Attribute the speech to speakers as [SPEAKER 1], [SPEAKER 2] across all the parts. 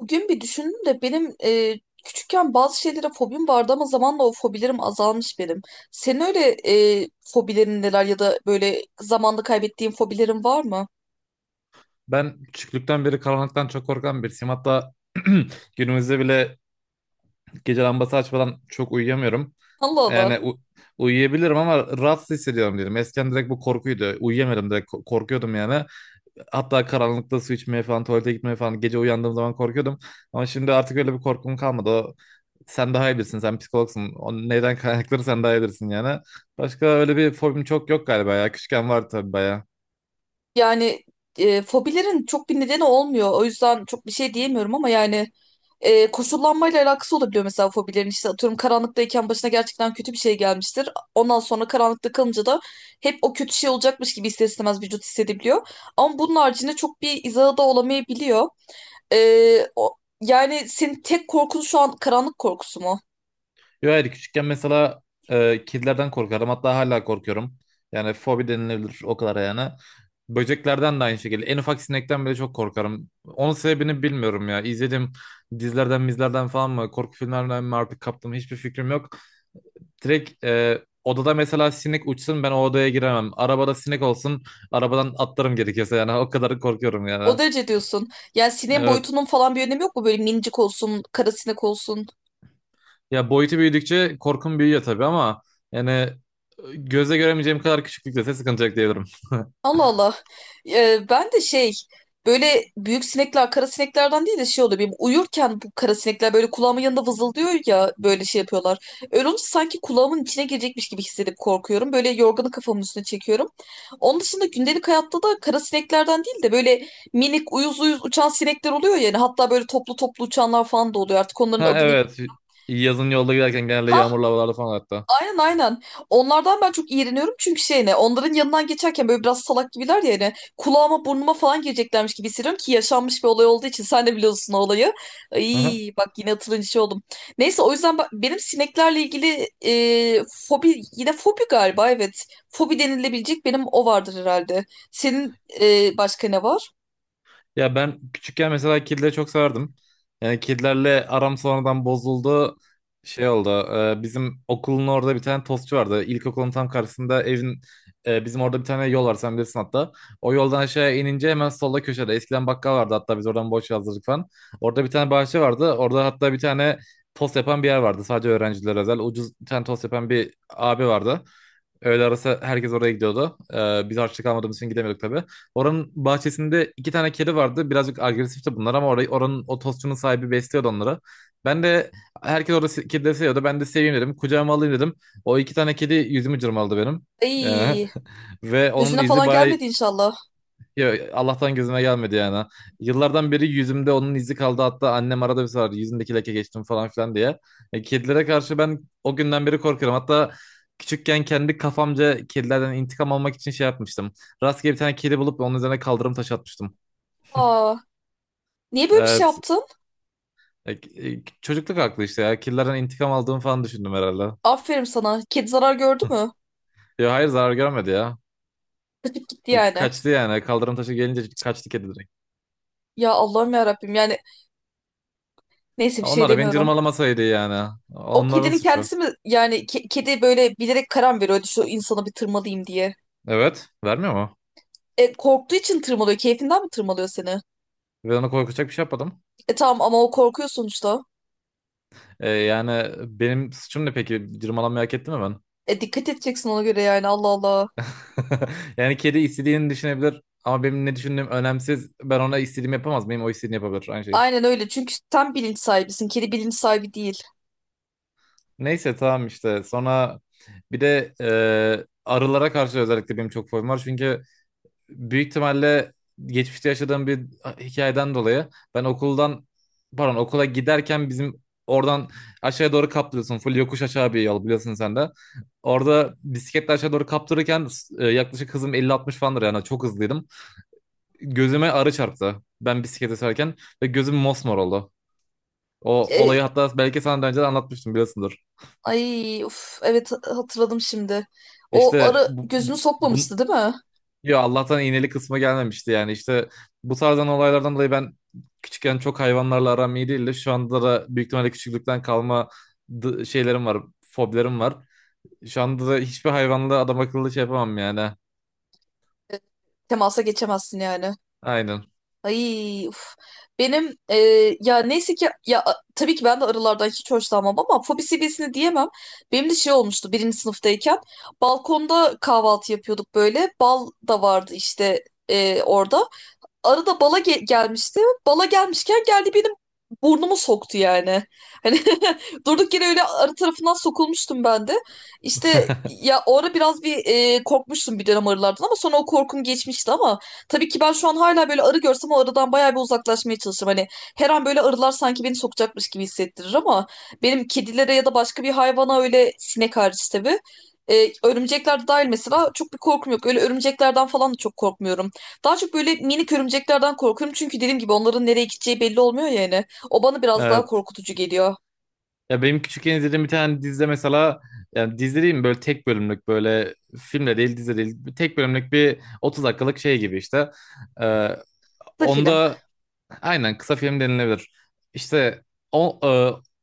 [SPEAKER 1] Bugün bir düşündüm de benim küçükken bazı şeylere fobim vardı ama zamanla o fobilerim azalmış benim. Senin öyle fobilerin neler ya da böyle zamanla kaybettiğin fobilerin var mı?
[SPEAKER 2] Ben küçüklükten beri karanlıktan çok korkan birisiyim. Hatta günümüzde bile gece lambası açmadan çok uyuyamıyorum.
[SPEAKER 1] Allah Allah.
[SPEAKER 2] Yani uyuyabilirim ama rahatsız hissediyorum diyelim. Eskiden direkt bu korkuydu. Uyuyamadım direkt korkuyordum yani. Hatta karanlıkta su içmeye falan, tuvalete gitmeye falan gece uyandığım zaman korkuyordum. Ama şimdi artık öyle bir korkum kalmadı. O, sen daha iyi bilirsin, sen psikologsun. O neyden kaynakları sen daha iyi bilirsin yani. Başka öyle bir fobim çok yok galiba ya. Küçükken vardı tabii bayağı.
[SPEAKER 1] Yani fobilerin çok bir nedeni olmuyor. O yüzden çok bir şey diyemiyorum ama yani koşullanmayla alakası olabiliyor mesela fobilerin. İşte atıyorum karanlıktayken başına gerçekten kötü bir şey gelmiştir. Ondan sonra karanlıkta kalınca da hep o kötü şey olacakmış gibi ister istemez vücut hissedebiliyor. Ama bunun haricinde çok bir izahı da olamayabiliyor. Yani senin tek korkun şu an karanlık korkusu mu?
[SPEAKER 2] Yo hayır, küçükken mesela kedilerden korkardım. Hatta hala korkuyorum. Yani fobi denilebilir o kadar yani. Böceklerden de aynı şekilde. En ufak sinekten bile çok korkarım. Onun sebebini bilmiyorum ya. İzlediğim dizilerden, mizlerden falan mı, korku filmlerinden mi artık kaptım, hiçbir fikrim yok. Direkt odada mesela sinek uçsun, ben o odaya giremem. Arabada sinek olsun, arabadan atlarım gerekirse yani o kadar korkuyorum
[SPEAKER 1] O
[SPEAKER 2] yani.
[SPEAKER 1] derece diyorsun. Yani sineğin
[SPEAKER 2] Evet.
[SPEAKER 1] boyutunun falan bir önemi yok mu? Böyle minicik olsun, kara sinek olsun.
[SPEAKER 2] Ya boyutu büyüdükçe korkum büyüyor tabii ama yani göze göremeyeceğim kadar küçüklükte sıkıntı yok diyebilirim.
[SPEAKER 1] Allah Allah. Ben de şey böyle büyük sinekler kara sineklerden değil de şey oluyor. Benim uyurken bu kara sinekler böyle kulağımın yanında vızıldıyor ya böyle şey yapıyorlar. Öyle olunca sanki kulağımın içine girecekmiş gibi hissedip korkuyorum. Böyle yorganı kafamın üstüne çekiyorum. Onun dışında gündelik hayatta da kara sineklerden değil de böyle minik uyuz uyuz uçan sinekler oluyor yani. Hatta böyle toplu toplu uçanlar falan da oluyor. Artık onların
[SPEAKER 2] Ha
[SPEAKER 1] adını...
[SPEAKER 2] evet. Yazın yolda giderken genelde yağmurlu havalarda falan hatta.
[SPEAKER 1] Aynen aynen. Onlardan ben çok iğreniyorum çünkü şey ne onların yanından geçerken böyle biraz salak gibiler ya hani kulağıma burnuma falan gireceklermiş gibi hissediyorum ki yaşanmış bir olay olduğu için sen de biliyorsun o olayı.
[SPEAKER 2] Aha.
[SPEAKER 1] Ay bak yine hatırlayınca şey oldum. Neyse o yüzden benim sineklerle ilgili fobi yine fobi galiba evet. Fobi denilebilecek benim o vardır herhalde. Senin başka ne var?
[SPEAKER 2] Ya ben küçükken mesela kedileri çok severdim. Yani kedilerle aram sonradan bozuldu. Şey oldu. Bizim okulun orada bir tane tostçu vardı. İlkokulun tam karşısında evin, bizim orada bir tane yol var, sen bilirsin hatta. O yoldan aşağıya inince hemen solda köşede. Eskiden bakkal vardı, hatta biz oradan boş yazdırdık falan. Orada bir tane bahçe vardı. Orada hatta bir tane tost yapan bir yer vardı. Sadece öğrencilere özel. Ucuz bir tane tost yapan bir abi vardı. Öğle arası herkes oraya gidiyordu. Biz harçlık almadığımız için gidemiyorduk tabii. Oranın bahçesinde iki tane kedi vardı. Birazcık agresifti bunlar ama orayı, oranın o tostçunun sahibi besliyordu onları. Ben de herkes orada kedileri seviyordu. Ben de seveyim dedim. Kucağıma alayım dedim. O iki tane kedi yüzümü cırmaladı benim. Ee,
[SPEAKER 1] Ay.
[SPEAKER 2] ve onun
[SPEAKER 1] Gözüne
[SPEAKER 2] izi
[SPEAKER 1] falan
[SPEAKER 2] bayağı,
[SPEAKER 1] gelmedi inşallah.
[SPEAKER 2] ya Allah'tan gözüme gelmedi yani. Yıllardan beri yüzümde onun izi kaldı. Hatta annem arada bir sorar yüzündeki leke geçtim falan filan diye. Kedilere karşı ben o günden beri korkuyorum. Hatta küçükken kendi kafamca kedilerden intikam almak için şey yapmıştım. Rastgele bir tane kedi bulup onun üzerine kaldırım taşı atmıştım.
[SPEAKER 1] Aa, niye böyle bir şey
[SPEAKER 2] Evet.
[SPEAKER 1] yaptın?
[SPEAKER 2] E, Çocukluk aklı işte ya. Kedilerden intikam aldığımı falan düşündüm herhalde.
[SPEAKER 1] Aferin sana. Kedi zarar gördü mü?
[SPEAKER 2] Ya hayır, zarar görmedi ya.
[SPEAKER 1] Kaçıp gitti yani.
[SPEAKER 2] Kaçtı yani. Kaldırım taşı gelince kaçtı kedi direkt.
[SPEAKER 1] Ya Allah'ım ya Rabbim yani neyse bir şey
[SPEAKER 2] Onlar da beni
[SPEAKER 1] demiyorum.
[SPEAKER 2] cırmalamasaydı yani.
[SPEAKER 1] O
[SPEAKER 2] Onların
[SPEAKER 1] kedinin
[SPEAKER 2] suçu.
[SPEAKER 1] kendisi mi yani kedi böyle bilerek karar mı veriyordu şu insanı bir tırmalayayım diye.
[SPEAKER 2] Evet. Vermiyor mu?
[SPEAKER 1] E, korktuğu için tırmalıyor. Keyfinden mi tırmalıyor seni?
[SPEAKER 2] Ve ona korkacak bir şey yapmadım.
[SPEAKER 1] E tamam ama o korkuyor sonuçta.
[SPEAKER 2] Yani benim suçum ne peki? Cırmalanmayı hak etti mi ben?
[SPEAKER 1] E dikkat edeceksin ona göre yani Allah Allah.
[SPEAKER 2] Yani kedi istediğini düşünebilir ama benim ne düşündüğüm önemsiz. Ben ona istediğimi yapamaz. Benim o istediğini yapabilir. Aynı şekilde.
[SPEAKER 1] Aynen öyle çünkü sen bilinç sahibisin. Kedi bilinç sahibi değil.
[SPEAKER 2] Neyse tamam işte. Sonra bir de arılara karşı özellikle benim çok fobim var. Çünkü büyük ihtimalle geçmişte yaşadığım bir hikayeden dolayı ben okuldan, pardon, okula giderken bizim oradan aşağıya doğru kaptırıyorsun. Full yokuş aşağı bir yol, biliyorsun sen de. Orada bisikletle aşağı doğru kaptırırken yaklaşık hızım 50 60 falandır, yani çok hızlıydım. Gözüme arı çarptı ben bisiklete sürerken ve gözüm mosmor oldu. O olayı
[SPEAKER 1] E,
[SPEAKER 2] hatta belki sana daha önce de anlatmıştım, biliyorsundur.
[SPEAKER 1] ay uf evet hatırladım şimdi. O
[SPEAKER 2] İşte
[SPEAKER 1] arı gözünü
[SPEAKER 2] bu-
[SPEAKER 1] sokmamıştı değil mi?
[SPEAKER 2] Yo, Allah'tan iğneli kısma gelmemişti yani. İşte bu tarzdan olaylardan dolayı ben küçükken çok hayvanlarla aram iyi değildi. Şu anda da büyük ihtimalle küçüklükten kalma şeylerim var, fobilerim var. Şu anda da hiçbir hayvanla adam akıllı şey yapamam yani.
[SPEAKER 1] Temasa geçemezsin yani.
[SPEAKER 2] Aynen.
[SPEAKER 1] Ay, uf. Benim ya neyse ki ya tabii ki ben de arılardan hiç hoşlanmam ama fobi seviyesini diyemem. Benim de şey olmuştu birinci sınıftayken balkonda kahvaltı yapıyorduk böyle. Bal da vardı işte orada arada bala gelmişti. Bala gelmişken geldi benim burnumu soktu yani. Hani durduk yere öyle arı tarafından sokulmuştum ben de. İşte ya o ara biraz bir korkmuştum bir dönem arılardan ama sonra o korkum geçmişti ama tabii ki ben şu an hala böyle arı görsem o arıdan bayağı bir uzaklaşmaya çalışırım. Hani her an böyle arılar sanki beni sokacakmış gibi hissettirir ama benim kedilere ya da başka bir hayvana öyle sinek hariç tabii. E, örümcekler de dahil mesela çok bir korkum yok. Öyle örümceklerden falan da çok korkmuyorum. Daha çok böyle minik örümceklerden korkuyorum. Çünkü dediğim gibi onların nereye gideceği belli olmuyor yani. O bana biraz daha
[SPEAKER 2] Evet.
[SPEAKER 1] korkutucu geliyor.
[SPEAKER 2] Ya benim küçükken izlediğim bir tane dizide mesela, yani dizi değil mi, böyle tek bölümlük, böyle filmle değil, dizi değil, tek bölümlük bir 30 dakikalık şey gibi işte. Ee,
[SPEAKER 1] Bu film.
[SPEAKER 2] Onda aynen kısa film denilebilir. İşte o, e,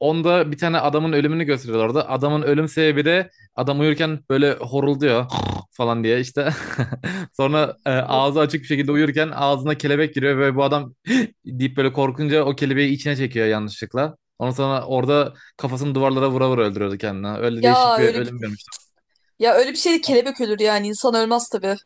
[SPEAKER 2] onda bir tane adamın ölümünü gösteriyorlar orada. Adamın ölüm sebebi de adam uyurken böyle horulduyor falan diye işte. Sonra
[SPEAKER 1] Ay.
[SPEAKER 2] ağzı açık bir şekilde uyurken ağzına kelebek giriyor ve bu adam deyip böyle korkunca o kelebeği içine çekiyor yanlışlıkla. Ondan sonra orada kafasını duvarlara vura vura öldürüyordu kendini. Öyle
[SPEAKER 1] Ya
[SPEAKER 2] değişik bir
[SPEAKER 1] öyle bir
[SPEAKER 2] ölüm görmüştüm.
[SPEAKER 1] ya öyle bir şey kelebek ölür yani insan ölmez tabii.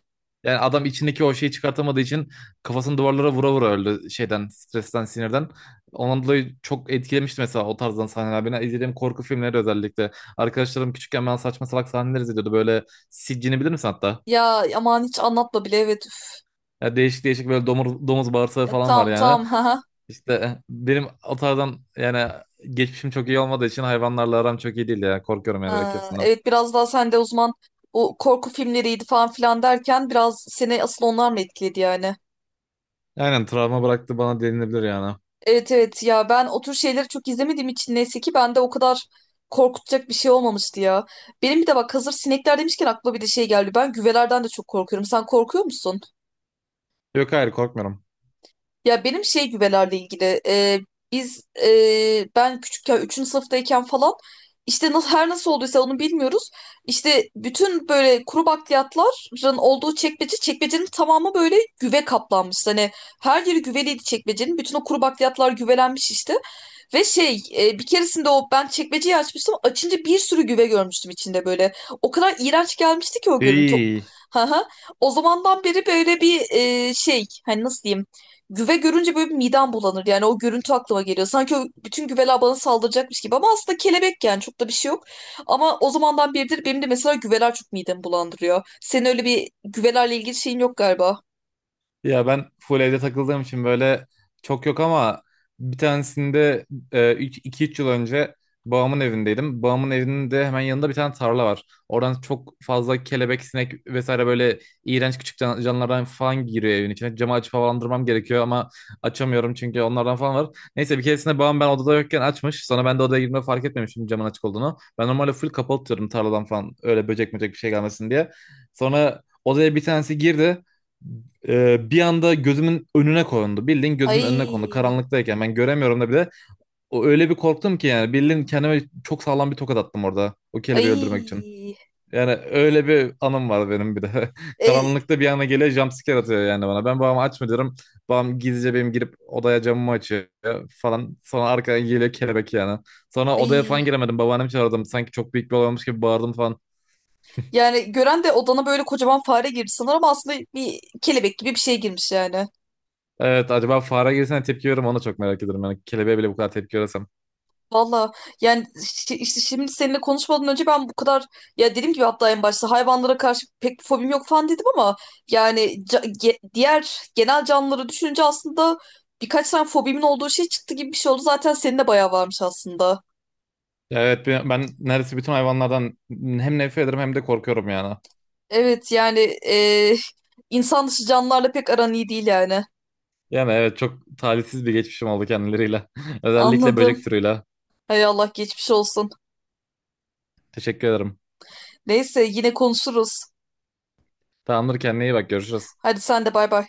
[SPEAKER 2] Yani adam içindeki o şeyi çıkartamadığı için kafasını duvarlara vura vura öldü şeyden, stresten, sinirden. Ondan dolayı çok etkilemişti mesela o tarzdan sahneler. Beni izlediğim korku filmleri özellikle. Arkadaşlarım küçükken ben saçma salak sahneler izliyordu. Böyle Siccin'i bilir misin hatta?
[SPEAKER 1] Ya aman hiç anlatma bile evet. Üf.
[SPEAKER 2] Ya değişik değişik, böyle domuz, domuz bağırsağı
[SPEAKER 1] Ya,
[SPEAKER 2] falan var
[SPEAKER 1] tamam
[SPEAKER 2] yani.
[SPEAKER 1] tamam ha.
[SPEAKER 2] İşte benim o tarzdan, yani geçmişim çok iyi olmadığı için hayvanlarla aram çok iyi değil ya. Korkuyorum yani, direkt
[SPEAKER 1] Ha,
[SPEAKER 2] hepsinden.
[SPEAKER 1] evet biraz daha sen de o zaman bu korku filmleriydi falan filan derken biraz seni asıl onlar mı etkiledi yani?
[SPEAKER 2] Aynen, travma bıraktı bana denilebilir yani.
[SPEAKER 1] Evet evet ya ben o tür şeyleri çok izlemediğim için neyse ki bende o kadar korkutacak bir şey olmamıştı ya. Benim bir de bak hazır sinekler demişken aklıma bir de şey geldi. Ben güvelerden de çok korkuyorum. Sen korkuyor musun?
[SPEAKER 2] Yok, hayır korkmuyorum.
[SPEAKER 1] Ya benim şey güvelerle ilgili ben küçükken 3. sınıftayken falan işte nasıl her nasıl olduysa onu bilmiyoruz. İşte bütün böyle kuru bakliyatların olduğu çekmece çekmecenin tamamı böyle güve kaplanmış. Hani her yeri güveliydi çekmecenin. Bütün o kuru bakliyatlar güvelenmiş işte. Ve şey bir keresinde o ben çekmeceyi açmıştım. Açınca bir sürü güve görmüştüm içinde böyle. O kadar iğrenç gelmişti ki o görüntü.
[SPEAKER 2] İyi.
[SPEAKER 1] Hı hı. O zamandan beri böyle bir şey hani nasıl diyeyim. Güve görünce böyle bir midem bulanır. Yani o görüntü aklıma geliyor. Sanki o bütün güveler bana saldıracakmış gibi. Ama aslında kelebek yani çok da bir şey yok. Ama o zamandan beridir benim de mesela güveler çok midemi bulandırıyor. Senin öyle bir güvelerle ilgili şeyin yok galiba.
[SPEAKER 2] Ya ben full evde takıldığım için böyle çok yok, ama bir tanesinde iki üç yıl önce babamın evindeydim. Babamın evinin de hemen yanında bir tane tarla var. Oradan çok fazla kelebek, sinek vesaire, böyle iğrenç küçük canlılardan falan giriyor evin içine. Camı açıp havalandırmam gerekiyor ama açamıyorum çünkü onlardan falan var. Neyse bir keresinde babam ben odada yokken açmış. Sonra ben de odaya girdiğimde fark etmemişim camın açık olduğunu. Ben normalde full kapalı tutuyorum tarladan falan öyle böcek böcek bir şey gelmesin diye. Sonra odaya bir tanesi girdi, bir anda gözümün önüne kondu. Bildiğin gözümün önüne kondu.
[SPEAKER 1] Ay,
[SPEAKER 2] Karanlıktayken ben göremiyorum da bir de. O öyle bir korktum ki, yani bildiğin kendime çok sağlam bir tokat attım orada. O kelebeği öldürmek için.
[SPEAKER 1] ay,
[SPEAKER 2] Yani öyle bir anım var benim bir de.
[SPEAKER 1] e,
[SPEAKER 2] Karanlıkta bir anda geliyor, jumpscare atıyor yani bana. Ben babama açma diyorum. Babam gizlice benim girip odaya camımı açıyor falan. Sonra arkadan geliyor kelebek yani. Sonra odaya
[SPEAKER 1] ay.
[SPEAKER 2] falan giremedim. Babaannemi çağırdım. Sanki çok büyük bir olay olmuş gibi bağırdım falan.
[SPEAKER 1] Yani gören de odana böyle kocaman fare girdi sanır ama aslında bir kelebek gibi bir şey girmiş yani.
[SPEAKER 2] Evet, acaba fare girsene tepki veririm ona, çok merak ediyorum. Yani kelebeğe bile bu kadar tepki verirsem.
[SPEAKER 1] Valla yani işte şimdi seninle konuşmadan önce ben bu kadar ya dediğim gibi hatta en başta hayvanlara karşı pek bir fobim yok falan dedim ama yani diğer genel canlıları düşününce aslında birkaç tane fobimin olduğu şey çıktı gibi bir şey oldu. Zaten senin de bayağı varmış aslında.
[SPEAKER 2] Evet ben neredeyse bütün hayvanlardan hem nefret ederim hem de korkuyorum yani.
[SPEAKER 1] Evet yani e, insan dışı canlılarla pek aran iyi değil yani.
[SPEAKER 2] Yani evet, çok talihsiz bir geçmişim oldu kendileriyle. Özellikle böcek
[SPEAKER 1] Anladım.
[SPEAKER 2] türüyle.
[SPEAKER 1] Hay Allah geçmiş olsun.
[SPEAKER 2] Teşekkür ederim.
[SPEAKER 1] Neyse yine konuşuruz.
[SPEAKER 2] Tamamdır, kendine iyi bak, görüşürüz.
[SPEAKER 1] Hadi sen de bay bay.